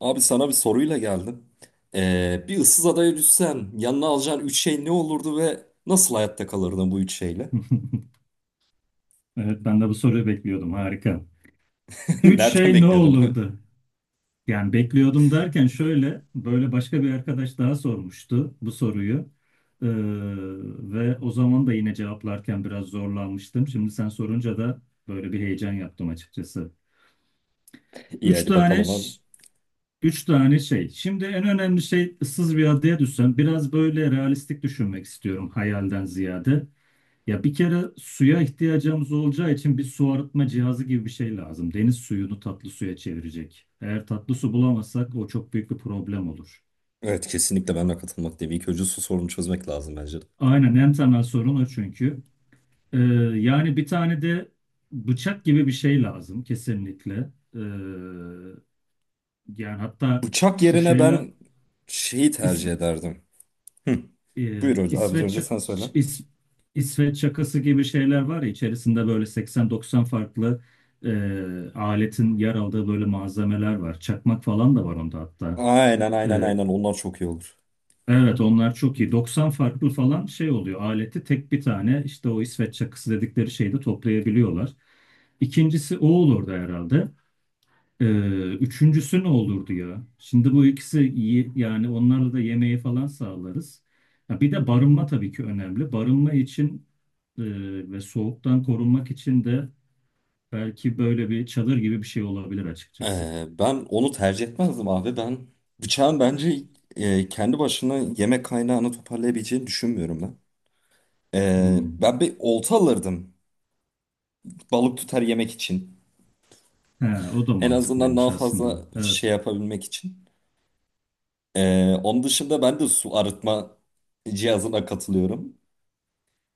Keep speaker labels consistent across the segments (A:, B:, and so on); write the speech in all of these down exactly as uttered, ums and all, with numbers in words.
A: Abi sana bir soruyla geldim. Ee, bir ıssız adaya düşsen yanına alacağın üç şey ne olurdu ve nasıl hayatta kalırdın bu üç şeyle?
B: Evet, ben de bu soruyu bekliyordum. Harika. Üç
A: Nereden
B: şey ne
A: bekliyordun lan?
B: olurdu? Yani bekliyordum derken şöyle, böyle başka bir arkadaş daha sormuştu bu soruyu. Ee, ve o zaman da yine cevaplarken biraz zorlanmıştım. Şimdi sen sorunca da böyle bir heyecan yaptım açıkçası.
A: İyi
B: Üç
A: hadi
B: tane
A: bakalım abi.
B: Üç tane şey. Şimdi en önemli şey, ıssız bir adaya düşsen biraz böyle realistik düşünmek istiyorum hayalden ziyade. Ya bir kere suya ihtiyacımız olacağı için bir su arıtma cihazı gibi bir şey lazım. Deniz suyunu tatlı suya çevirecek. Eğer tatlı su bulamazsak o çok büyük bir problem olur.
A: Evet kesinlikle ben de katılmak değil. İlk önce su sorunu çözmek lazım bence de.
B: Aynen, en temel sorun o çünkü. Ee, yani bir tane de bıçak gibi bir şey lazım kesinlikle. Ee, yani hatta
A: Bıçak
B: şu
A: yerine
B: şeyler...
A: ben şeyi tercih ederdim. Hı.
B: e,
A: Buyur hocam. Abi
B: İsveç
A: önce sen söyle.
B: İs- İsveç çakısı gibi şeyler var ya, içerisinde böyle seksen doksan farklı e, aletin yer aldığı böyle malzemeler var. Çakmak falan da var onda hatta.
A: Aynen aynen
B: E,
A: aynen onlar çok iyi olur.
B: evet onlar çok iyi. doksan farklı falan şey oluyor. Aleti tek bir tane işte o İsveç çakısı dedikleri şeyde toplayabiliyorlar. İkincisi o olurdu herhalde. Ee, üçüncüsü ne olurdu ya? Şimdi bu ikisi iyi yani, onlarla da yemeği falan sağlarız. Ya bir de barınma tabii ki önemli. Barınma için e, ve soğuktan korunmak için de belki böyle bir çadır gibi bir şey olabilir açıkçası.
A: Ee, ben onu tercih etmezdim abi. Ben bıçağın bence e, kendi başına yemek kaynağını toparlayabileceğini düşünmüyorum ben. Ee,
B: Hmm.
A: ben bir olta alırdım. Balık tutar yemek için.
B: He, o da
A: En azından
B: mantıklıymış
A: daha
B: aslında.
A: fazla
B: Evet,
A: şey yapabilmek için. Ee, onun dışında ben de su arıtma cihazına katılıyorum.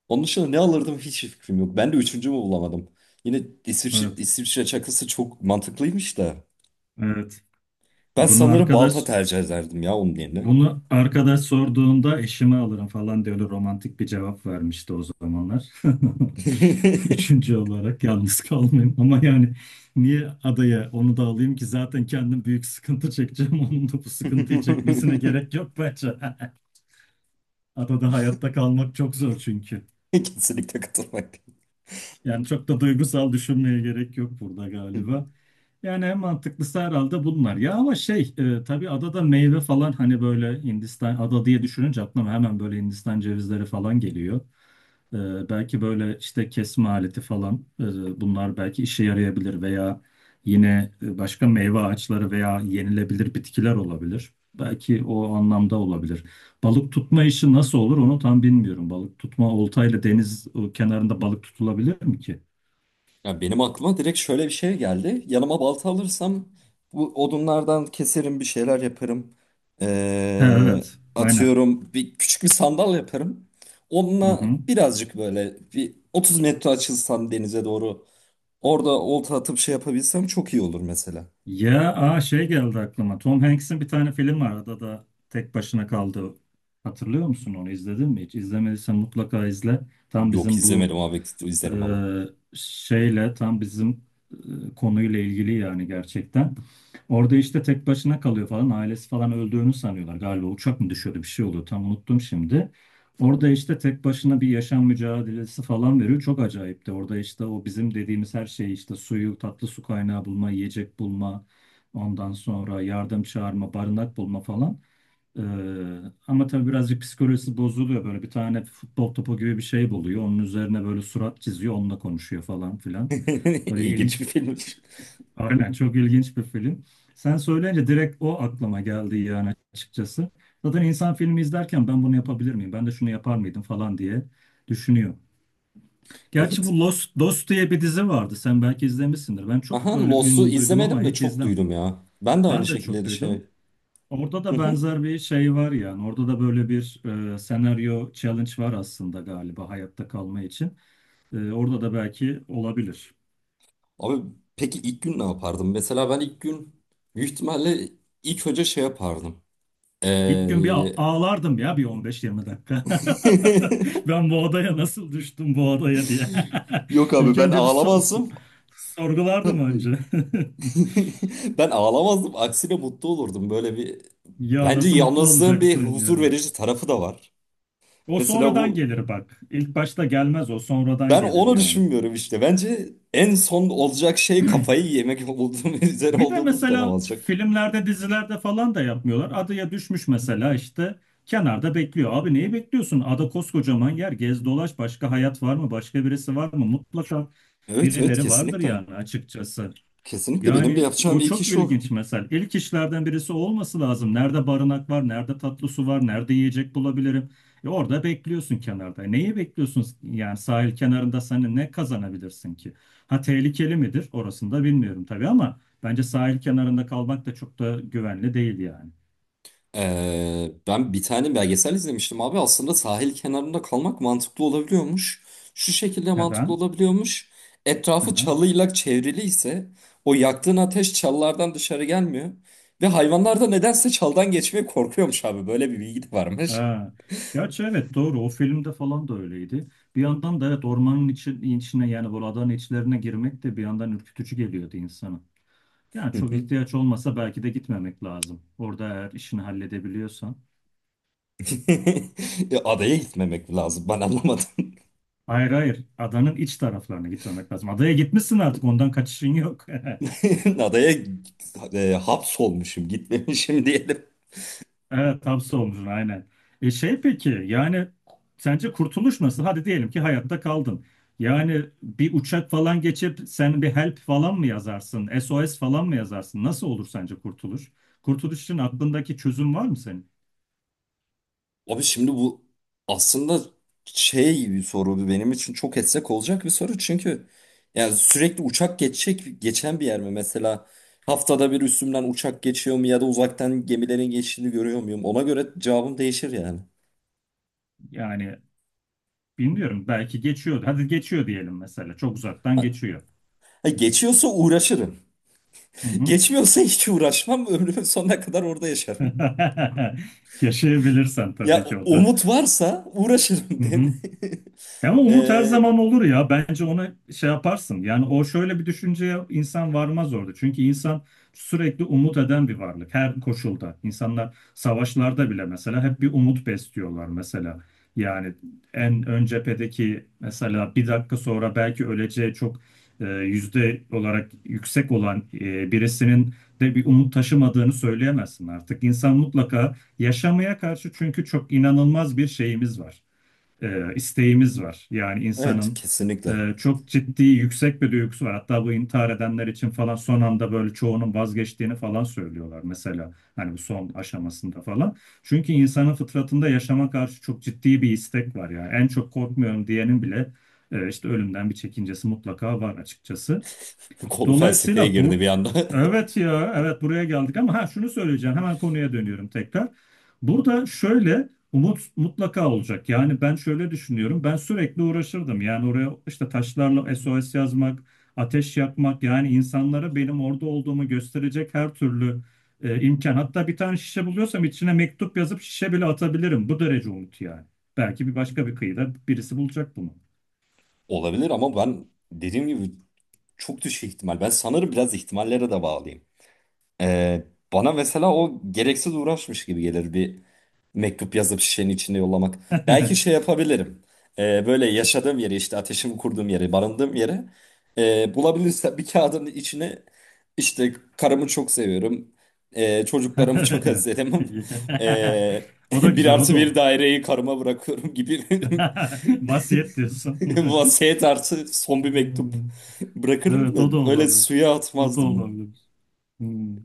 A: Onun dışında ne alırdım hiç fikrim yok. Ben de üçüncümü bulamadım. Yine İsviçre,
B: evet,
A: İsviçre çakısı çok mantıklıymış da.
B: evet.
A: Ben
B: Bunu
A: sanırım balta
B: arkadaş
A: tercih ederdim ya onun yerine.
B: bunu arkadaş sorduğunda, eşime alırım falan diye öyle romantik bir cevap vermişti o zamanlar. Üçüncü olarak yalnız kalmayayım. Ama yani niye adaya onu da alayım ki, zaten kendim büyük sıkıntı çekeceğim. Onun da bu sıkıntıyı çekmesine gerek yok bence. Adada hayatta kalmak çok zor çünkü.
A: Kesinlikle katılmak.
B: Yani çok da duygusal düşünmeye gerek yok burada galiba. Yani en mantıklısı herhalde bunlar. Ya ama şey e, tabii adada meyve falan, hani böyle Hindistan ada diye düşününce aklıma hemen böyle Hindistan cevizleri falan geliyor. Ee, belki böyle işte kesme aleti falan, e, bunlar belki işe yarayabilir veya yine e, başka meyve ağaçları veya yenilebilir bitkiler olabilir. Belki o anlamda olabilir. Balık tutma işi nasıl olur onu tam bilmiyorum. Balık tutma oltayla deniz e, kenarında balık tutulabilir mi ki?
A: Ya benim aklıma direkt şöyle bir şey geldi. Yanıma balta alırsam bu odunlardan keserim bir şeyler yaparım.
B: Ha,
A: Ee,
B: evet aynen.
A: Atıyorum bir küçük bir sandal yaparım.
B: Hı
A: Onunla
B: hı.
A: birazcık böyle bir otuz metre açılsam denize doğru orada olta atıp şey yapabilsem çok iyi olur mesela.
B: Ya aa, şey geldi aklıma. Tom Hanks'in bir tane film var. Adada tek başına kaldı. Hatırlıyor musun onu? İzledin mi hiç? İzlemediysen mutlaka izle. Tam
A: Yok
B: bizim bu
A: izlemedim abi
B: Ee,
A: izlerim ama.
B: şeyle tam bizim e, konuyla ilgili yani, gerçekten. Orada işte tek başına kalıyor falan, ailesi falan öldüğünü sanıyorlar. Galiba uçak mı düşüyordu, bir şey oluyor, tam unuttum şimdi. Orada işte tek başına bir yaşam mücadelesi falan veriyor. Çok acayipti. Orada işte o bizim dediğimiz her şey işte, suyu, tatlı su kaynağı bulma, yiyecek bulma, ondan sonra yardım çağırma, barınak bulma falan. Ee, ama tabii birazcık psikolojisi bozuluyor. Böyle bir tane futbol topu gibi bir şey buluyor. Onun üzerine böyle surat çiziyor. Onunla konuşuyor falan filan. Böyle ilgi...
A: İlginç bir filmmiş.
B: Aynen, çok ilginç bir film. Sen söyleyince direkt o aklıma geldi yani, açıkçası. Zaten insan filmi izlerken, ben bunu yapabilir miyim, ben de şunu yapar mıydım falan diye düşünüyor. Gerçi
A: Evet.
B: bu Lost, Lost diye bir dizi vardı. Sen belki izlemişsindir. Ben çok
A: Aha
B: böyle
A: Lost'u
B: ün duydum ama
A: izlemedim de
B: hiç
A: çok
B: izlemedim.
A: duydum ya. Ben de aynı
B: Ben de çok
A: şekilde de
B: duydum.
A: şey.
B: Orada da benzer bir şey var yani. Orada da böyle bir e, senaryo challenge var aslında galiba, hayatta kalma için. E, orada da belki olabilir.
A: Abi peki ilk gün ne yapardım? Mesela ben ilk gün büyük ihtimalle ilk önce şey yapardım.
B: İlk gün bir a-
A: Ee...
B: ağlardım ya, bir on beş yirmi dakika. Ben bu odaya nasıl düştüm, bu odaya diye.
A: Yok abi
B: İlk
A: ben
B: önce bir so- so-
A: ağlamazdım.
B: sorgulardım
A: Buyur.
B: önce.
A: Ben ağlamazdım. Aksine mutlu olurdum. Böyle bir
B: Ya
A: bence
B: nasıl mutlu
A: yalnızlığın bir
B: olacaksın
A: huzur
B: ya.
A: verici tarafı da var.
B: O
A: Mesela
B: sonradan
A: bu
B: gelir bak. İlk başta gelmez, o sonradan
A: ben
B: gelir
A: onu
B: yani.
A: düşünmüyorum işte. Bence en son olacak şey kafayı yemek olduğum üzere
B: Bir de
A: olduğumuz dönem
B: mesela
A: olacak.
B: filmlerde, dizilerde falan da yapmıyorlar. Adaya düşmüş mesela, işte kenarda bekliyor. Abi neyi bekliyorsun? Ada koskocaman yer. Gez dolaş. Başka hayat var mı? Başka birisi var mı? Mutlaka
A: Evet evet
B: birileri vardır
A: kesinlikle.
B: yani, açıkçası.
A: Kesinlikle benim de
B: Yani
A: yapacağım
B: o
A: ilk
B: çok
A: iş o.
B: ilginç mesela. İlk işlerden birisi olması lazım. Nerede barınak var, nerede tatlı su var, nerede yiyecek bulabilirim. E orada bekliyorsun kenarda. E Neyi bekliyorsun? Yani sahil kenarında sen ne kazanabilirsin ki? Ha, tehlikeli midir? Orasını da bilmiyorum tabii, ama bence sahil kenarında kalmak da çok da güvenli değil yani.
A: Ee, ben bir tane belgesel izlemiştim abi. Aslında sahil kenarında kalmak mantıklı olabiliyormuş. Şu şekilde mantıklı
B: Neden?
A: olabiliyormuş.
B: Hı
A: Etrafı
B: hı.
A: çalıyla çevrili ise o yaktığın ateş çalılardan dışarı gelmiyor. Ve hayvanlar da nedense çaldan geçmeye korkuyormuş abi. Böyle bir bilgi de varmış.
B: Ha. Gerçi evet, doğru, o filmde falan da öyleydi. Bir yandan da evet, ormanın içi, içine yani bu adanın içlerine girmek de bir yandan ürkütücü geliyordu insana. Yani
A: Hı
B: çok
A: hı.
B: ihtiyaç olmasa belki de gitmemek lazım. Orada eğer işini halledebiliyorsan.
A: E, adaya gitmemek lazım. Ben anlamadım.
B: Hayır, hayır. Adanın iç taraflarına gitmemek lazım. Adaya gitmişsin, artık ondan kaçışın yok.
A: Adaya e, hapsolmuşum, gitmemişim diyelim.
B: Evet, hapse olmuşsun aynen. E şey peki yani sence kurtuluş nasıl? Hadi diyelim ki hayatta kaldın. Yani bir uçak falan geçip sen bir help falan mı yazarsın? S O S falan mı yazarsın? Nasıl olur sence kurtuluş? Kurtuluş için aklındaki çözüm var mı senin?
A: Abi şimdi bu aslında şey bir soru benim için çok etsek olacak bir soru çünkü yani sürekli uçak geçecek geçen bir yer mi mesela haftada bir üstümden uçak geçiyor mu ya da uzaktan gemilerin geçtiğini görüyor muyum ona göre cevabım değişir yani.
B: Yani bilmiyorum, belki geçiyor. Hadi geçiyor diyelim mesela. Çok uzaktan
A: Ha,
B: geçiyor.
A: ha, Geçiyorsa uğraşırım.
B: Hı hı.
A: Geçmiyorsa hiç uğraşmam ömrümün sonuna kadar orada yaşarım.
B: Yaşayabilirsen
A: Ya
B: tabii ki o
A: o-
B: da.
A: umut varsa uğraşırım,
B: Hı
A: değil mi?
B: hı. Ya ama umut her
A: Ee,
B: zaman olur ya. Bence ona şey yaparsın. Yani o şöyle bir düşünceye insan varmaz orada. Çünkü insan sürekli umut eden bir varlık. Her koşulda. İnsanlar savaşlarda bile mesela hep bir umut besliyorlar mesela. Yani en ön cephedeki, mesela bir dakika sonra belki öleceği çok e, yüzde olarak yüksek olan e, birisinin de bir umut taşımadığını söyleyemezsin artık. İnsan mutlaka yaşamaya karşı, çünkü çok inanılmaz bir şeyimiz var, e, isteğimiz var. Yani
A: evet
B: insanın
A: kesinlikle.
B: e, çok ciddi yüksek bir duygusu var. Hatta bu intihar edenler için falan son anda böyle çoğunun vazgeçtiğini falan söylüyorlar mesela. Hani bu son aşamasında falan. Çünkü insanın fıtratında yaşama karşı çok ciddi bir istek var yani. En çok korkmuyorum diyenin bile e, işte ölümden bir çekincesi mutlaka var açıkçası.
A: Konu felsefeye
B: Dolayısıyla
A: girdi
B: bu,
A: bir anda.
B: evet ya evet, buraya geldik ama ha, şunu söyleyeceğim, hemen konuya dönüyorum tekrar. Burada şöyle, umut mutlaka olacak. Yani ben şöyle düşünüyorum. Ben sürekli uğraşırdım. Yani oraya işte taşlarla S O S yazmak, ateş yakmak, yani insanlara benim orada olduğumu gösterecek her türlü e, imkan. Hatta bir tane şişe buluyorsam içine mektup yazıp şişe bile atabilirim. Bu derece umut yani. Belki bir başka bir kıyıda birisi bulacak bunu.
A: Olabilir ama ben dediğim gibi çok düşük ihtimal. Ben sanırım biraz ihtimallere de bağlıyım. Ee, Bana mesela o gereksiz uğraşmış gibi gelir bir mektup yazıp şişenin içinde yollamak. Belki şey yapabilirim. Ee, böyle yaşadığım yeri işte ateşimi kurduğum yeri, barındığım yeri e, bulabilirsem bir kağıdın içine işte karımı çok seviyorum. E, çocuklarımı çok özledim. E,
B: O da
A: bir
B: güzel, o
A: artı
B: da
A: bir
B: olur.
A: daireyi karıma bırakıyorum gibi.
B: Vasiyet diyorsun.
A: Vasiyet artı son bir mektup
B: Hmm.
A: bırakırım
B: Evet, o da
A: da öyle
B: olabilir.
A: suya
B: O da
A: atmazdım.
B: olabilir. Hmm.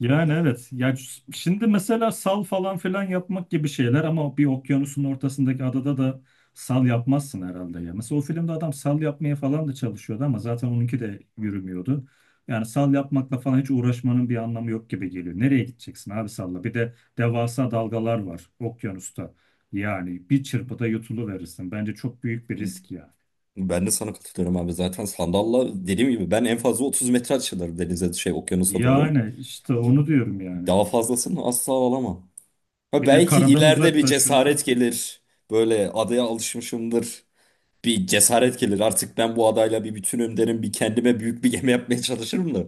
B: Yani evet. Yani ş- şimdi mesela sal falan filan yapmak gibi şeyler, ama bir okyanusun ortasındaki adada da sal yapmazsın herhalde ya. Mesela o filmde adam sal yapmaya falan da çalışıyordu ama zaten onunki de yürümüyordu. Yani sal yapmakla falan hiç uğraşmanın bir anlamı yok gibi geliyor. Nereye gideceksin abi salla? Bir de devasa dalgalar var okyanusta. Yani bir çırpıda yutuluverirsin. Bence çok büyük bir risk ya.
A: Ben de sana katılıyorum abi. Zaten sandalla dediğim gibi ben en fazla otuz metre açılırım denize şey okyanusa doğru.
B: Yani işte onu diyorum yani.
A: Daha fazlasını asla alamam. Ha,
B: Bir de
A: belki
B: karadan
A: ileride bir cesaret
B: uzaklaşıyorsun.
A: gelir. Böyle adaya alışmışımdır. Bir cesaret gelir. Artık ben bu adayla bir bütünüm derim. Bir kendime büyük bir gemi yapmaya çalışırım da.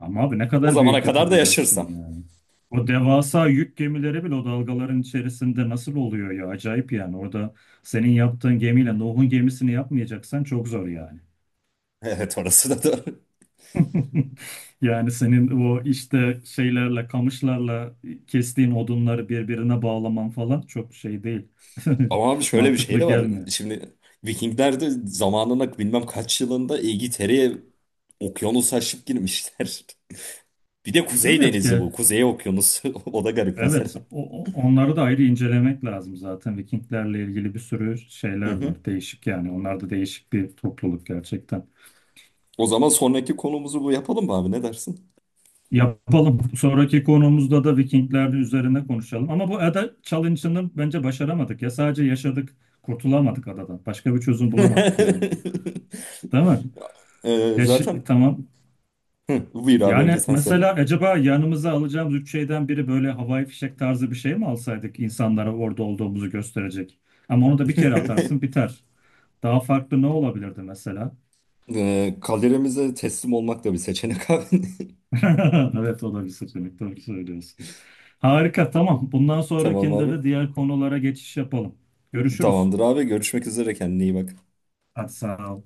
B: Ama abi ne
A: O
B: kadar
A: zamana
B: büyük
A: kadar da
B: yapabilirsin
A: yaşarsam.
B: ya. O devasa yük gemileri bile o dalgaların içerisinde nasıl oluyor ya? Acayip yani. Orada senin yaptığın gemiyle Nuh'un gemisini yapmayacaksan çok zor yani.
A: Evet orası da doğru.
B: Yani senin o işte şeylerle, kamışlarla kestiğin odunları birbirine bağlaman falan çok şey değil.
A: Ama abi şöyle bir şey
B: Mantıklı
A: de var.
B: gelmiyor.
A: Şimdi Vikingler de zamanında bilmem kaç yılında İngiltere'ye okyanus aşıp girmişler. Bir de Kuzey
B: Evet
A: Denizi
B: ki
A: bu. Kuzey Okyanusu. O da garip mesela.
B: Evet, o, o- onları da ayrı incelemek lazım zaten. Vikinglerle ilgili bir sürü
A: Hı
B: şeyler
A: hı.
B: var. Değişik yani. Onlar da değişik bir topluluk gerçekten.
A: O zaman sonraki konumuzu bu yapalım mı abi? Ne dersin?
B: Yapalım. Sonraki konumuzda da Vikingler üzerine konuşalım. Ama bu ada challenge'ını bence başaramadık ya. Sadece yaşadık, kurtulamadık adadan. Başka bir çözüm bulamadık yani. Değil mi?
A: Ee,
B: Yaş
A: zaten
B: tamam.
A: hı, Buyur abi önce
B: Yani
A: sen söyle.
B: mesela acaba yanımıza alacağımız üç şeyden biri böyle havai fişek tarzı bir şey mi alsaydık, insanlara orada olduğumuzu gösterecek? Ama onu da bir kere atarsın biter. Daha farklı ne olabilirdi mesela?
A: Ee, kaderimize teslim olmak da bir seçenek abi.
B: Evet, o da bir seçenek. Doğru söylüyorsun. Harika, tamam. Bundan
A: Tamam
B: sonrakinde
A: abi.
B: de diğer konulara geçiş yapalım. Görüşürüz.
A: Tamamdır abi. Görüşmek üzere. Kendine iyi bak.
B: Hadi sağ ol.